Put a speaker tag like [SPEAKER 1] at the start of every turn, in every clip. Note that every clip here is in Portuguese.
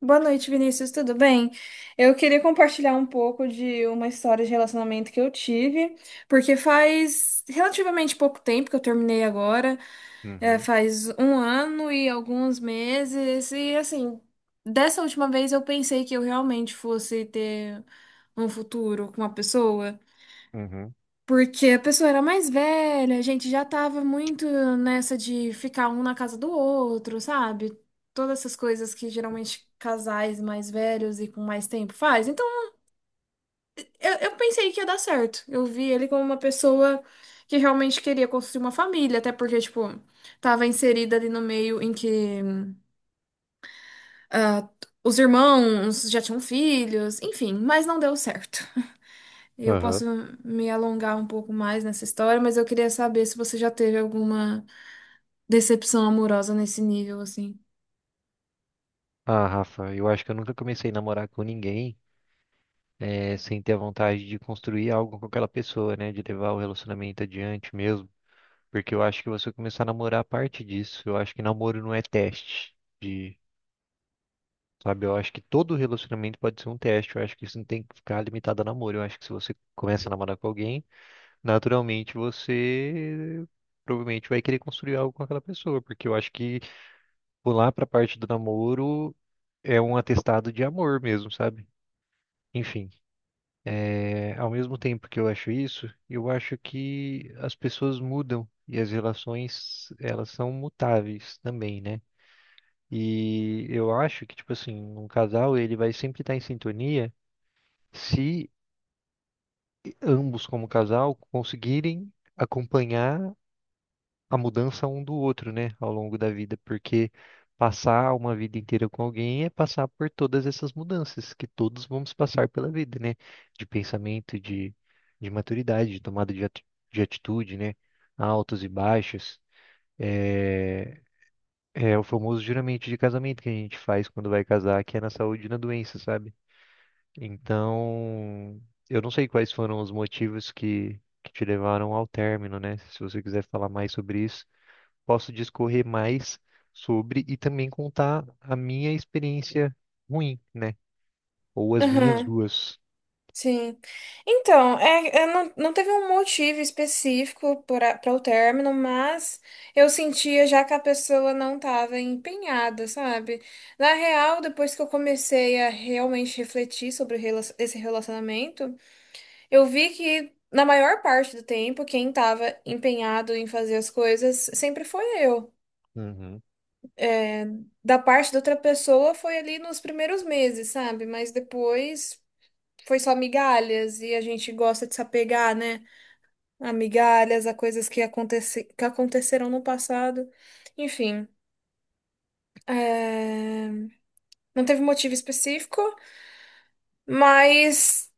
[SPEAKER 1] Boa noite, Vinícius, tudo bem? Eu queria compartilhar um pouco de uma história de relacionamento que eu tive, porque faz relativamente pouco tempo que eu terminei agora, é,
[SPEAKER 2] Uhum,
[SPEAKER 1] faz um ano e alguns meses, e assim, dessa última vez eu pensei que eu realmente fosse ter um futuro com uma pessoa.
[SPEAKER 2] uhum,
[SPEAKER 1] Porque a pessoa era mais velha, a gente já tava muito nessa de ficar um na casa do outro, sabe? Todas essas coisas que geralmente casais mais velhos e com mais tempo faz. Então, eu pensei que ia dar certo. Eu vi ele como uma pessoa que realmente queria construir uma família, até porque, tipo, tava inserida ali no meio em que ah, os irmãos já tinham filhos, enfim, mas não deu certo. Eu
[SPEAKER 2] aham.
[SPEAKER 1] posso me alongar um pouco mais nessa história, mas eu queria saber se você já teve alguma decepção amorosa nesse nível, assim.
[SPEAKER 2] Ah, Rafa, eu acho que eu nunca comecei a namorar com ninguém sem ter a vontade de construir algo com aquela pessoa, né? De levar o relacionamento adiante mesmo. Porque eu acho que você começar a namorar parte disso. Eu acho que namoro não é teste de, sabe? Eu acho que todo relacionamento pode ser um teste. Eu acho que isso não tem que ficar limitado a namoro. Eu acho que se você começa a namorar com alguém, naturalmente você provavelmente vai querer construir algo com aquela pessoa. Porque eu acho que pular pra parte do namoro é um atestado de amor mesmo, sabe? Enfim, é, ao mesmo tempo que eu acho isso, eu acho que as pessoas mudam e as relações, elas são mutáveis também, né? E eu acho que, tipo assim, um casal, ele vai sempre estar em sintonia se ambos, como casal, conseguirem acompanhar a mudança um do outro, né, ao longo da vida, porque passar uma vida inteira com alguém é passar por todas essas mudanças que todos vamos passar pela vida, né, de pensamento, de maturidade, de tomada de, de atitude, né, altos e baixos. É, é o famoso juramento de casamento que a gente faz quando vai casar, que é na saúde e na doença, sabe? Então, eu não sei quais foram os motivos que te levaram ao término, né? Se você quiser falar mais sobre isso posso discorrer mais sobre e também contar a minha experiência ruim, né? Ou as minhas
[SPEAKER 1] Aham,
[SPEAKER 2] duas.
[SPEAKER 1] sim. Então, não teve um motivo específico para o término, mas eu sentia já que a pessoa não estava empenhada, sabe? Na real, depois que eu comecei a realmente refletir sobre o esse relacionamento, eu vi que, na maior parte do tempo, quem estava empenhado em fazer as coisas sempre foi eu.
[SPEAKER 2] Uhum.
[SPEAKER 1] Da parte da outra pessoa foi ali nos primeiros meses, sabe? Mas depois, foi só migalhas e a gente gosta de se apegar, né? A migalhas, a coisas que aconteceram no passado. Enfim, não teve motivo específico, mas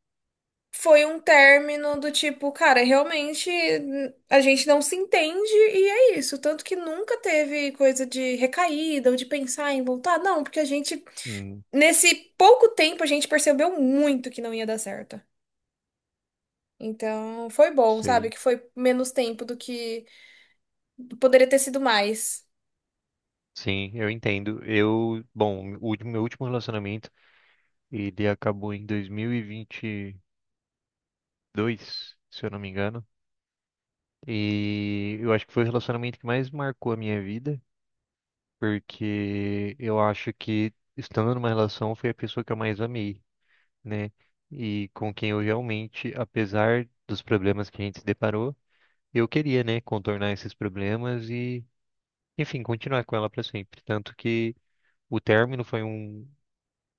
[SPEAKER 1] foi um término do tipo, cara, realmente a gente não se entende e é isso. Tanto que nunca teve coisa de recaída ou de pensar em voltar, não, porque a gente,
[SPEAKER 2] Hum,
[SPEAKER 1] nesse pouco tempo, a gente percebeu muito que não ia dar certo. Então, foi bom, sabe?
[SPEAKER 2] sei.
[SPEAKER 1] Que foi menos tempo do que poderia ter sido mais.
[SPEAKER 2] Sim, eu entendo. Eu, bom, meu último relacionamento, ele acabou em 2022, se eu não me engano. E eu acho que foi o relacionamento que mais marcou a minha vida, porque eu acho que estando numa relação foi a pessoa que eu mais amei. Né? E com quem eu realmente, apesar dos problemas que a gente se deparou, eu queria, né, contornar esses problemas e, enfim, continuar com ela para sempre. Tanto que o término foi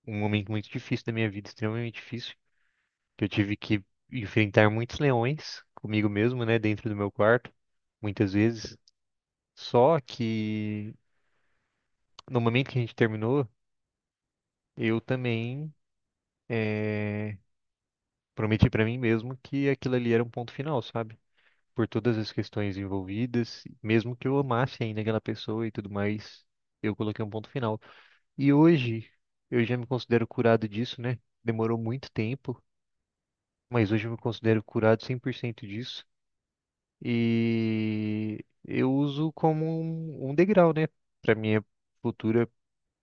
[SPEAKER 2] um momento muito difícil da minha vida, extremamente difícil, que eu tive que enfrentar muitos leões comigo mesmo, né, dentro do meu quarto, muitas vezes. Só que no momento que a gente terminou, eu também eh, prometi para mim mesmo que aquilo ali era um ponto final, sabe? Por todas as questões envolvidas, mesmo que eu amasse ainda aquela pessoa e tudo mais, eu coloquei um ponto final. E hoje eu já me considero curado disso, né? Demorou muito tempo, mas hoje eu me considero curado 100% disso e eu uso como um degrau, né, para minha futura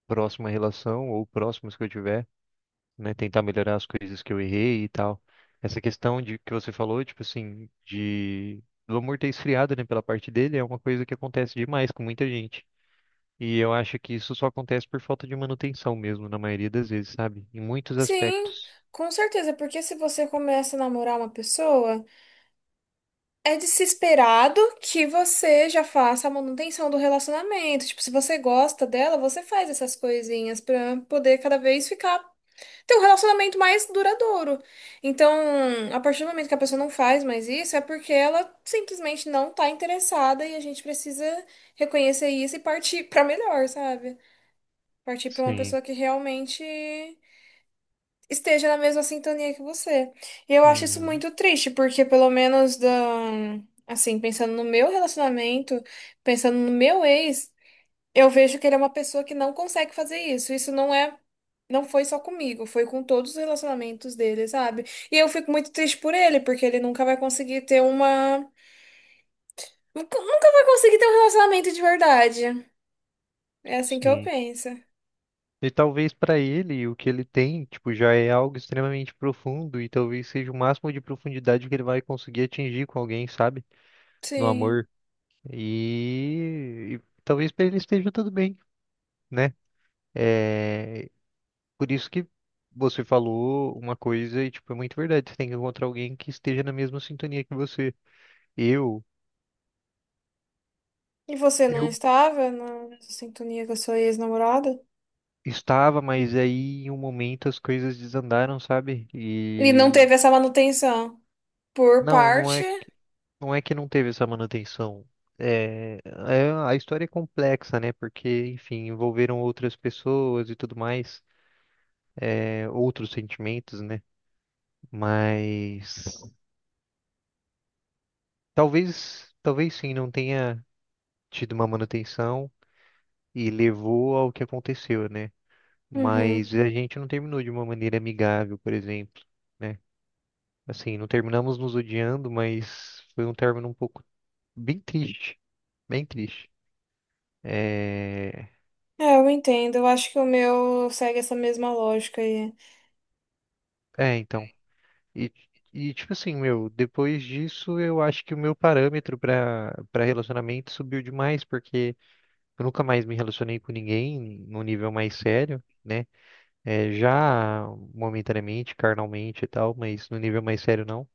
[SPEAKER 2] próxima relação ou próximas que eu tiver né, tentar melhorar as coisas que eu errei e tal. Essa questão de que você falou, tipo assim, de do amor ter esfriado, né, pela parte dele, é uma coisa que acontece demais com muita gente. E eu acho que isso só acontece por falta de manutenção mesmo, na maioria das vezes, sabe? Em muitos
[SPEAKER 1] Sim,
[SPEAKER 2] aspectos.
[SPEAKER 1] com certeza, porque se você começa a namorar uma pessoa, é de se esperado que você já faça a manutenção do relacionamento. Tipo, se você gosta dela, você faz essas coisinhas pra poder cada vez ficar ter um relacionamento mais duradouro. Então, a partir do momento que a pessoa não faz mais isso, é porque ela simplesmente não tá interessada e a gente precisa reconhecer isso e partir pra melhor, sabe? Partir pra uma
[SPEAKER 2] Sim.
[SPEAKER 1] pessoa que realmente esteja na mesma sintonia que você. E eu acho isso
[SPEAKER 2] Uhum.
[SPEAKER 1] muito triste, porque pelo menos assim, pensando no meu relacionamento, pensando no meu ex, eu vejo que ele é uma pessoa que não consegue fazer isso. Isso não é. Não foi só comigo, foi com todos os relacionamentos dele, sabe? E eu fico muito triste por ele, porque ele nunca vai conseguir ter uma. Nunca vai conseguir ter um relacionamento de verdade. É assim que eu
[SPEAKER 2] Sim.
[SPEAKER 1] penso.
[SPEAKER 2] E talvez para ele o que ele tem, tipo, já é algo extremamente profundo e talvez seja o máximo de profundidade que ele vai conseguir atingir com alguém, sabe? No
[SPEAKER 1] Sim.
[SPEAKER 2] amor. E talvez para ele esteja tudo bem, né? É, por isso que você falou uma coisa e, tipo, é muito verdade. Você tem que encontrar alguém que esteja na mesma sintonia que você. Eu,
[SPEAKER 1] E você não
[SPEAKER 2] eu
[SPEAKER 1] estava na sintonia com a sua ex-namorada?
[SPEAKER 2] estava, mas aí em um momento as coisas desandaram, sabe?
[SPEAKER 1] Ele não
[SPEAKER 2] E
[SPEAKER 1] teve essa manutenção por
[SPEAKER 2] não
[SPEAKER 1] parte.
[SPEAKER 2] é, não é que não teve essa manutenção. É, a história é complexa, né? Porque, enfim, envolveram outras pessoas e tudo mais, é, outros sentimentos, né? Mas talvez sim, não tenha tido uma manutenção e levou ao que aconteceu, né?
[SPEAKER 1] Uhum.
[SPEAKER 2] Mas a gente não terminou de uma maneira amigável, por exemplo, né? Assim, não terminamos nos odiando, mas foi um término um pouco bem triste, bem triste. É,
[SPEAKER 1] É, eu entendo. Eu acho que o meu segue essa mesma lógica aí.
[SPEAKER 2] é, então. E, e tipo assim, meu, depois disso eu acho que o meu parâmetro para relacionamento subiu demais, porque eu nunca mais me relacionei com ninguém num nível mais sério né? É, já momentaneamente, carnalmente e tal, mas no nível mais sério não.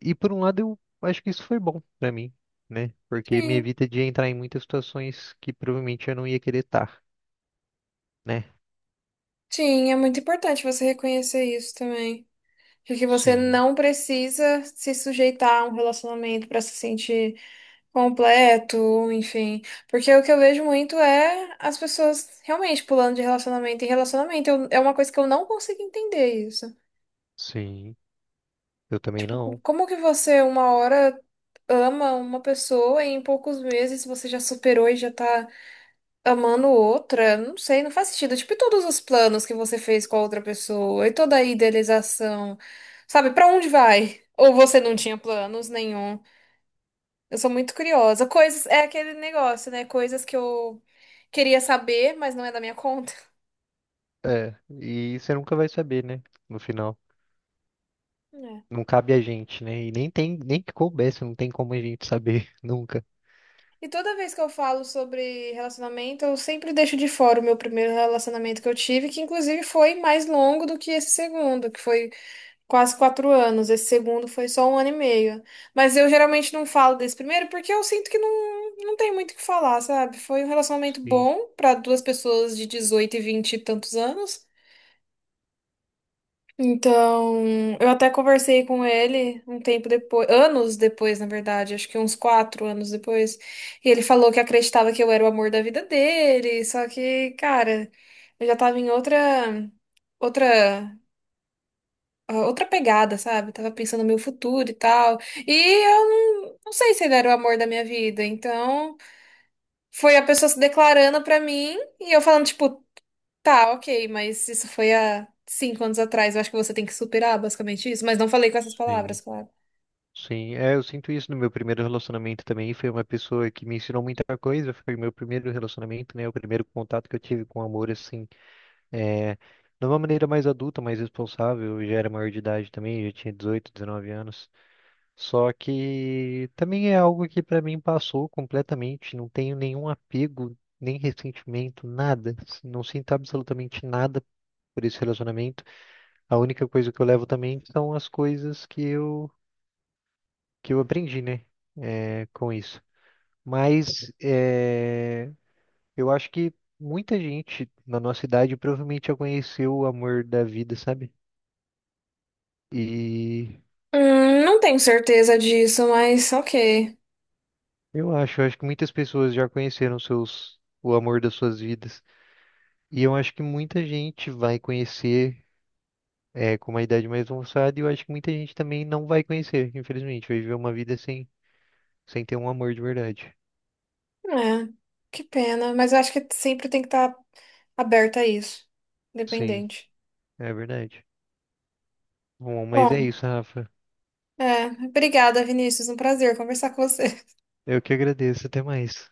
[SPEAKER 2] E por um lado, eu acho que isso foi bom pra mim, né? Porque me
[SPEAKER 1] Sim,
[SPEAKER 2] evita de entrar em muitas situações que provavelmente eu não ia querer estar, né?
[SPEAKER 1] sim, é muito importante você reconhecer isso também. De que você
[SPEAKER 2] Sim,
[SPEAKER 1] não precisa se sujeitar a um relacionamento para se sentir completo, enfim. Porque o que eu vejo muito é as pessoas realmente pulando de relacionamento em relacionamento. Eu- é uma coisa que eu não consigo entender isso.
[SPEAKER 2] sim. Eu também não.
[SPEAKER 1] Como que você, uma hora, ama uma pessoa e em poucos meses você já superou e já tá amando outra? Não sei, não faz sentido. Tipo, e todos os planos que você fez com a outra pessoa e toda a idealização, sabe? Pra onde vai? Ou você não tinha planos nenhum? Eu sou muito curiosa. Coisas, é aquele negócio, né? Coisas que eu queria saber, mas não é da minha conta.
[SPEAKER 2] É, e você nunca vai saber, né? No final. Não cabe a gente, né? E nem tem, nem que coubesse, não tem como a gente saber nunca.
[SPEAKER 1] E toda vez que eu falo sobre relacionamento, eu sempre deixo de fora o meu primeiro relacionamento que eu tive, que inclusive foi mais longo do que esse segundo, que foi quase 4 anos. Esse segundo foi só um ano e meio. Mas eu geralmente não falo desse primeiro porque eu sinto que não tem muito o que falar, sabe? Foi um relacionamento
[SPEAKER 2] Sim,
[SPEAKER 1] bom para duas pessoas de 18 e 20 e tantos anos. Então, eu até conversei com ele um tempo depois, anos depois, na verdade, acho que uns 4 anos depois, e ele falou que acreditava que eu era o amor da vida dele, só que, cara, eu já tava em outra, outra pegada, sabe? Tava pensando no meu futuro e tal, e eu não sei se ele era o amor da minha vida, então foi a pessoa se declarando pra mim e eu falando, tipo, tá, ok, mas isso foi há 5 anos atrás. Eu acho que você tem que superar basicamente isso. Mas não falei com essas
[SPEAKER 2] sim.
[SPEAKER 1] palavras, claro.
[SPEAKER 2] Sim, é, eu sinto isso no meu primeiro relacionamento também. Foi uma pessoa que me ensinou muita coisa. Foi meu primeiro relacionamento, né? O primeiro contato que eu tive com amor, assim, é, de uma maneira mais adulta, mais responsável. Eu já era maior de idade também, já tinha 18, 19 anos. Só que também é algo que pra mim passou completamente. Não tenho nenhum apego, nem ressentimento, nada. Não sinto absolutamente nada por esse relacionamento. A única coisa que eu levo também são as coisas que eu aprendi, né, é, com isso. Mas é, eu acho que muita gente na nossa idade provavelmente já conheceu o amor da vida, sabe? E
[SPEAKER 1] Não tenho certeza disso, mas ok.
[SPEAKER 2] eu acho que muitas pessoas já conheceram seus, o amor das suas vidas. E eu acho que muita gente vai conhecer é, com uma idade mais avançada, e eu acho que muita gente também não vai conhecer, infelizmente, vai viver uma vida sem, sem ter um amor de verdade.
[SPEAKER 1] É, que pena. Mas eu acho que sempre tem que estar aberta a isso.
[SPEAKER 2] Sim,
[SPEAKER 1] Independente.
[SPEAKER 2] é verdade. Bom, mas é
[SPEAKER 1] Bom,
[SPEAKER 2] isso, Rafa.
[SPEAKER 1] obrigada, Vinícius. Um prazer conversar com você.
[SPEAKER 2] Eu que agradeço, até mais.